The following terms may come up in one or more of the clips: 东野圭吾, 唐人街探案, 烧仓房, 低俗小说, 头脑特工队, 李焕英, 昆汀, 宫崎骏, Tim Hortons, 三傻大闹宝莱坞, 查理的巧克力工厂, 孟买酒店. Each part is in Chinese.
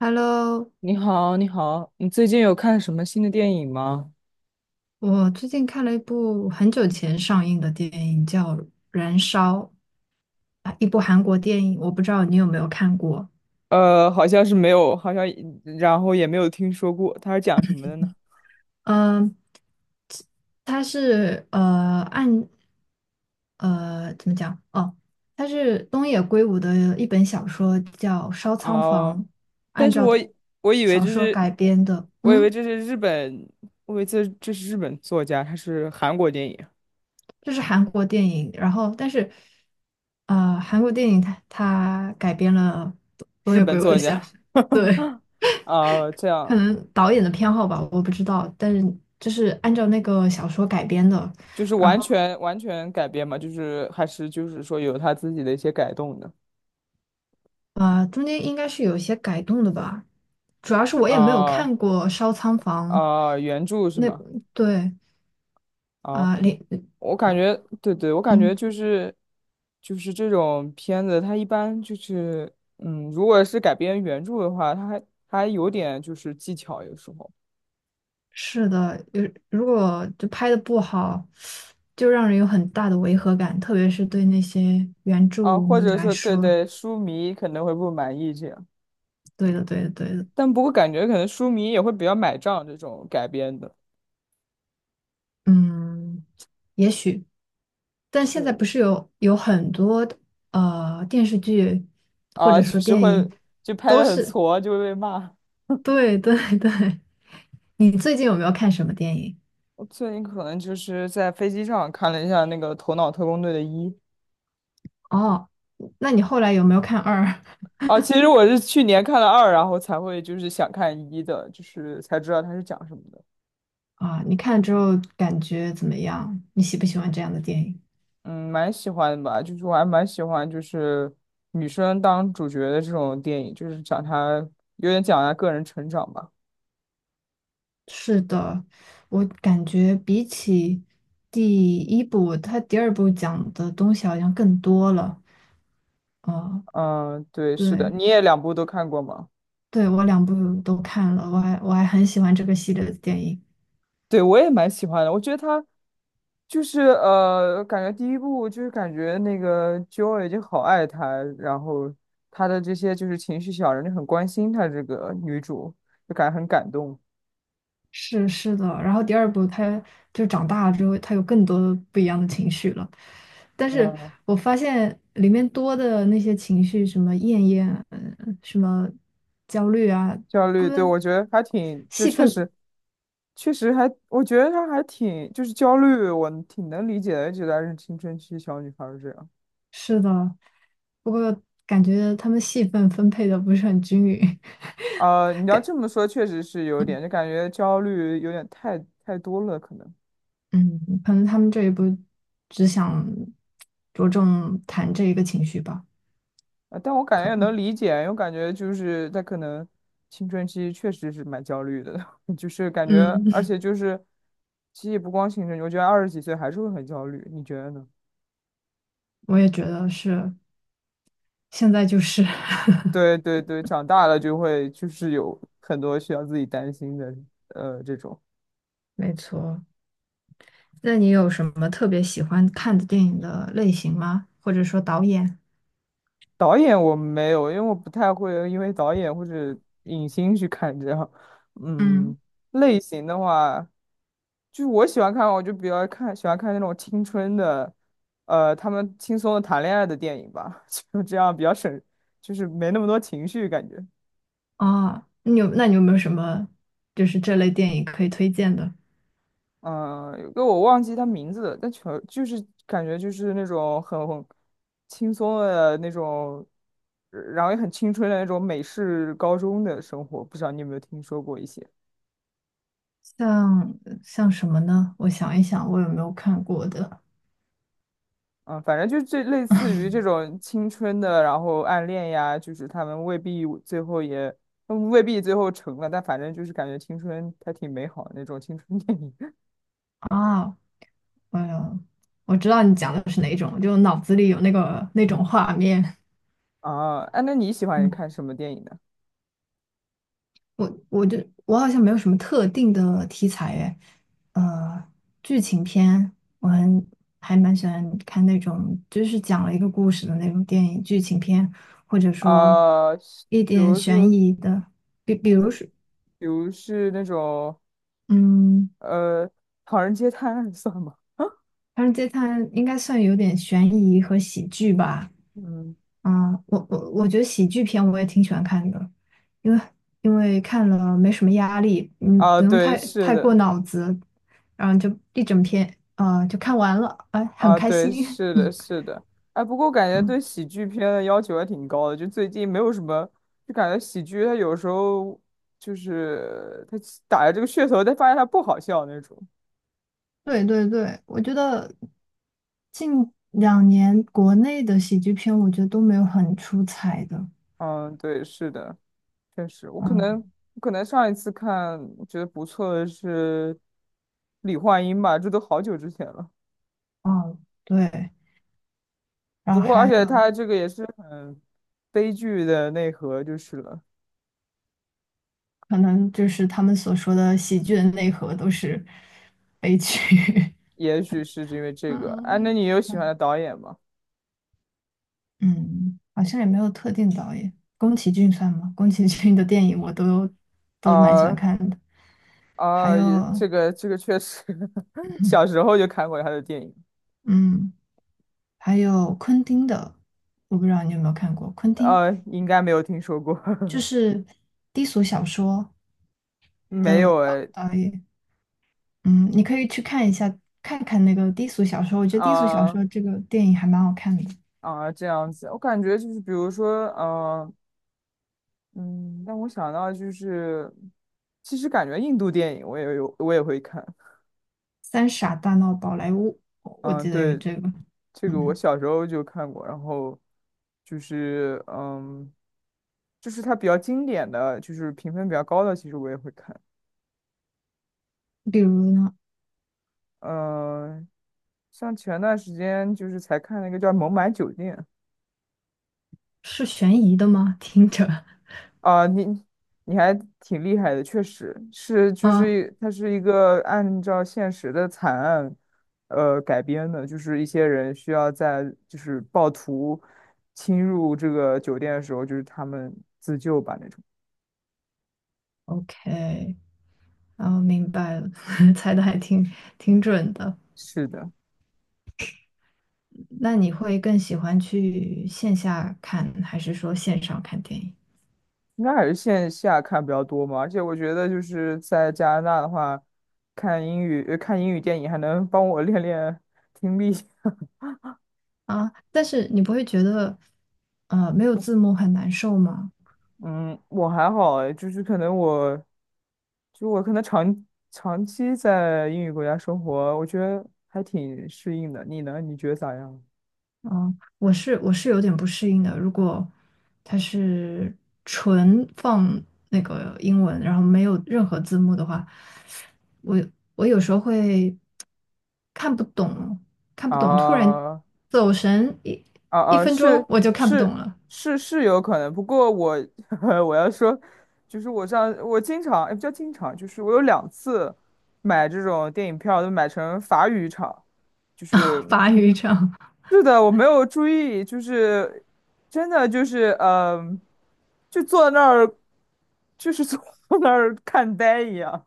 Hello，你好，你好，你最近有看什么新的电影吗？我最近看了一部很久前上映的电影，叫《燃烧》，啊一部韩国电影，我不知道你有没有看过。好像是没有，然后也没有听说过，它是讲什么的呢？嗯、它是怎么讲？哦，它是东野圭吾的一本小说，叫《烧仓房》，哦、但按是照我以我以为小这说是，改编的。我以为嗯。这是日本，我以为这是日本作家，他是韩国电影，这是韩国电影，然后但是，韩国电影它改编了东日野本圭吾的作小家，说。对，啊、这可样能导演的偏好吧，我不知道，但是就是按照那个小说改编的。就是然完后全完全改编嘛，就是还是就是说有他自己的一些改动的，中间应该是有一些改动的吧，主要是我也没有啊、看过《烧仓房》啊、原著是那。吗？对啊，啊，我感觉，对对，我感觉嗯。就是，就是这种片子，它一般就是，嗯，如果是改编原著的话，它还有点就是技巧，有时候是的，如果就拍的不好，就让人有很大的违和感，特别是对那些原著啊，或迷者来说，对说。对，书迷可能会不满意这样，对的，对的，对的。但不过感觉可能书迷也会比较买账这种改编的，嗯，也许，但现在是不是有很多电视剧或啊，者就说是电会影就拍都的很是。挫，就会被骂。对对对。你最近有没有看什么电影？我最近可能就是在飞机上看了一下那个《头脑特工队》的一。哦，那你后来有没有看二 哦，其实我是去年看了二，然后才会就是想看一的，就是才知道它是讲什么的。啊？你看了之后感觉怎么样？你喜不喜欢这样的电影？嗯，蛮喜欢的吧，就是我还蛮喜欢就是女生当主角的这种电影，就是讲她个人成长吧。是的，我感觉比起第一部，它第二部讲的东西好像更多了。哦，嗯，对，是的，对，你也两部都看过吗？对，我两部都看了，我还很喜欢这个系列的电影。对，我也蛮喜欢的，我觉得她就是感觉第一部就是感觉那个 Joy 就好爱她，然后她的这些就是情绪小人就很关心她这个女主，就感觉很感动。是的，然后第二部他就长大了之后，他有更多不一样的情绪了。但是嗯，我发现里面多的那些情绪，什么厌厌，什么焦虑啊，焦他虑，对，们我觉得还挺，就戏确份。实，确实还，我觉得她还挺，就是焦虑，我挺能理解的，觉得是青春期小女孩儿这样。是的，不过感觉他们戏份分配的不是很均匀。你 要感这么说，确实是有点，就感觉焦虑有点太多了，可能。嗯，可能他们这一部只想着重谈这一个情绪吧，但我感觉可也能能。理解，因为我感觉就是她可能青春期确实是蛮焦虑的，就是感觉，而嗯，且就是，其实也不光青春期，我觉得二十几岁还是会很焦虑，你觉得呢？我也觉得是，现在就是。对对对，长大了就会就是有很多需要自己担心的，呃，这种 没错。那你有什么特别喜欢看的电影的类型吗？或者说导演？导演我没有，因为我不太会因为导演或者影星去看这样。嗯，嗯，类型的话，就是我喜欢看，我就比较看喜欢看那种青春的，呃，他们轻松的谈恋爱的电影吧，就这样比较省，就是没那么多情绪感觉。啊，你有，那你有没有什么就是这类电影可以推荐的？嗯，有个我忘记他名字了，但全就是感觉就是那种很轻松的那种，然后也很青春的那种美式高中的生活，不知道你有没有听说过一些？像像什么呢？我想一想，我有没有看过的嗯，反正就是这类似于这种青春的，然后暗恋呀，就是他们未必最后也，他们未必最后成了，但反正就是感觉青春还挺美好的那种青春电影 啊？我有，我知道你讲的是哪一种，就脑子里有那个那种画面。啊。哎，那你喜欢嗯，看什么电影呢？我我就我好像没有什么特定的题材诶。呃，剧情片我还蛮喜欢看那种，就是讲了一个故事的那种电影剧情片，或者说啊，比一点如悬说，疑的，比如说。比如是那种。嗯，呃，唐人街探案 算吗？《唐人街探案》应该算有点悬疑和喜剧吧。嗯，啊，我觉得喜剧片我也挺喜欢看的，因为看了没什么压力。嗯，啊，不用对，是太过的，脑子，然后就一整篇，啊就看完了，哎，很啊，开对，心。是 的，是的。哎，不过感觉嗯，对喜剧片的要求还挺高的，就最近没有什么，就感觉喜剧它有时候就是它打着这个噱头，但发现它不好笑那种。对对对，我觉得近2年国内的喜剧片，我觉得都没有很出彩的。嗯，对，是的，确实，我可能嗯，我可能上一次看我觉得不错的是李焕英吧，这都好久之前了。哦，对，然不后过，而还且它有这个也是很悲剧的内核，就是了。可能就是他们所说的喜剧的内核都是悲剧。也许是因为 这嗯。个。哎、啊那嗯你有喜欢的导演吗？嗯，好像也没有特定导演，宫崎骏算吗？宫崎骏的电影我都蛮喜欢啊看的。还啊，也有这个确实，小时候就看过他的电影，嗯，还有昆汀的，我不知道你有没有看过。昆汀应该没有听说过，就 是低俗小说没有哎，导演。嗯，你可以去看一下，看看那个低俗小说，我觉得低俗小啊说这个电影还蛮好看的，啊，这样子，我感觉就是比如说，呃，嗯，但我想到就是，其实感觉印度电影我也会看，《三傻大闹宝莱坞》，我嗯，记得有对，这个。这个我嗯，小时候就看过，然后就是嗯，就是它比较经典的，就是评分比较高的，其实我也会看。比如呢，嗯，像前段时间就是才看那个叫《孟买酒店》，是悬疑的吗？听着 啊，你你还挺厉害的，确实是，就啊是它是一个按照现实的惨案，呃，改编的，就是一些人需要在就是暴徒侵入这个酒店的时候，就是他们自救吧那种。，OK。哦，明白了，猜的还挺准的。是的，那你会更喜欢去线下看，还是说线上看电影应该还是线下看比较多嘛，而且我觉得就是在加拿大的话，看英语，看英语电影还能帮我练练听力。啊？但是你不会觉得，没有字幕很难受吗？嗯，我还好诶就是可能我，就我可能长期在英语国家生活，我觉得还挺适应的。你呢？你觉得咋样？嗯，我是有点不适应的。如果它是纯放那个英文，然后没有任何字幕的话，我我有时候会看不懂，看不懂，突然啊走神啊一啊！分钟我就看不懂是了。是是有可能，不过我 我要说，就是我经常也不叫经常，就是我有两次买这种电影票都买成法语场，就 是。法语这样。是的，我没有注意，就是真的就是嗯、就坐那儿，就是坐 那儿看呆一样，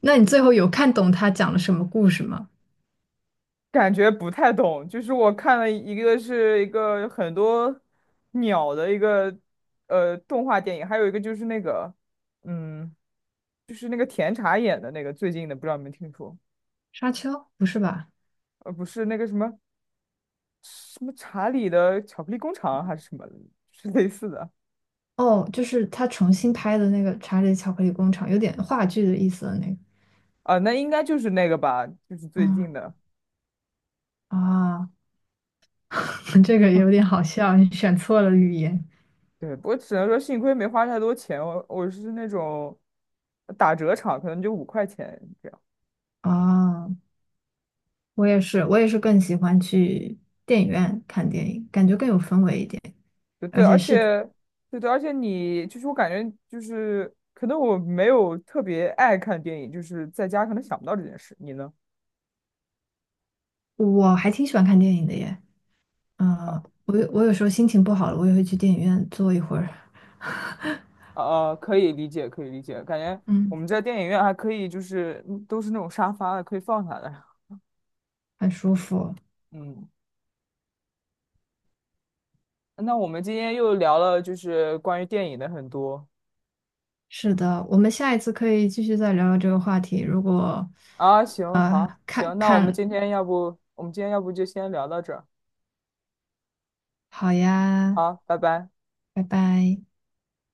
那你最后有看懂他讲了什么故事吗？感觉不太懂。就是我看了一个是一个很多鸟的一个动画电影，还有一个就是那个嗯，就是那个甜茶演的那个最近的，不知道你们听说？沙丘？不是吧？呃，不是那个什么查理的巧克力工厂啊还是什么，是类似的哦，就是他重新拍的那个《查理的巧克力工厂》，有点话剧的意思的那个。啊、那应该就是那个吧，就是最近嗯的。啊。这个有点好笑，你选错了语言。对，不过只能说幸亏没花太多钱，我我是那种打折场，可能就5块钱这样。啊！我也是更喜欢去电影院看电影，感觉更有氛围一点。对对，而而且是，且对对，而且你就是我感觉就是可能我没有特别爱看电影，就是在家可能想不到这件事。你呢？我还挺喜欢看电影的耶。啊嗯、我有时候心情不好了，我也会去电影院坐一会儿。可以理解，可以理解，感觉我嗯，们在电影院还可以，就是嗯都是那种沙发的，可以放下来。很舒服。嗯，那我们今天又聊了就是关于电影的很多。是的，我们下一次可以继续再聊聊这个话题。如果，啊，行，好，看行，那我们看今天要不，我们今天要不就先聊到这儿好呀，啊，拜拜。拜拜。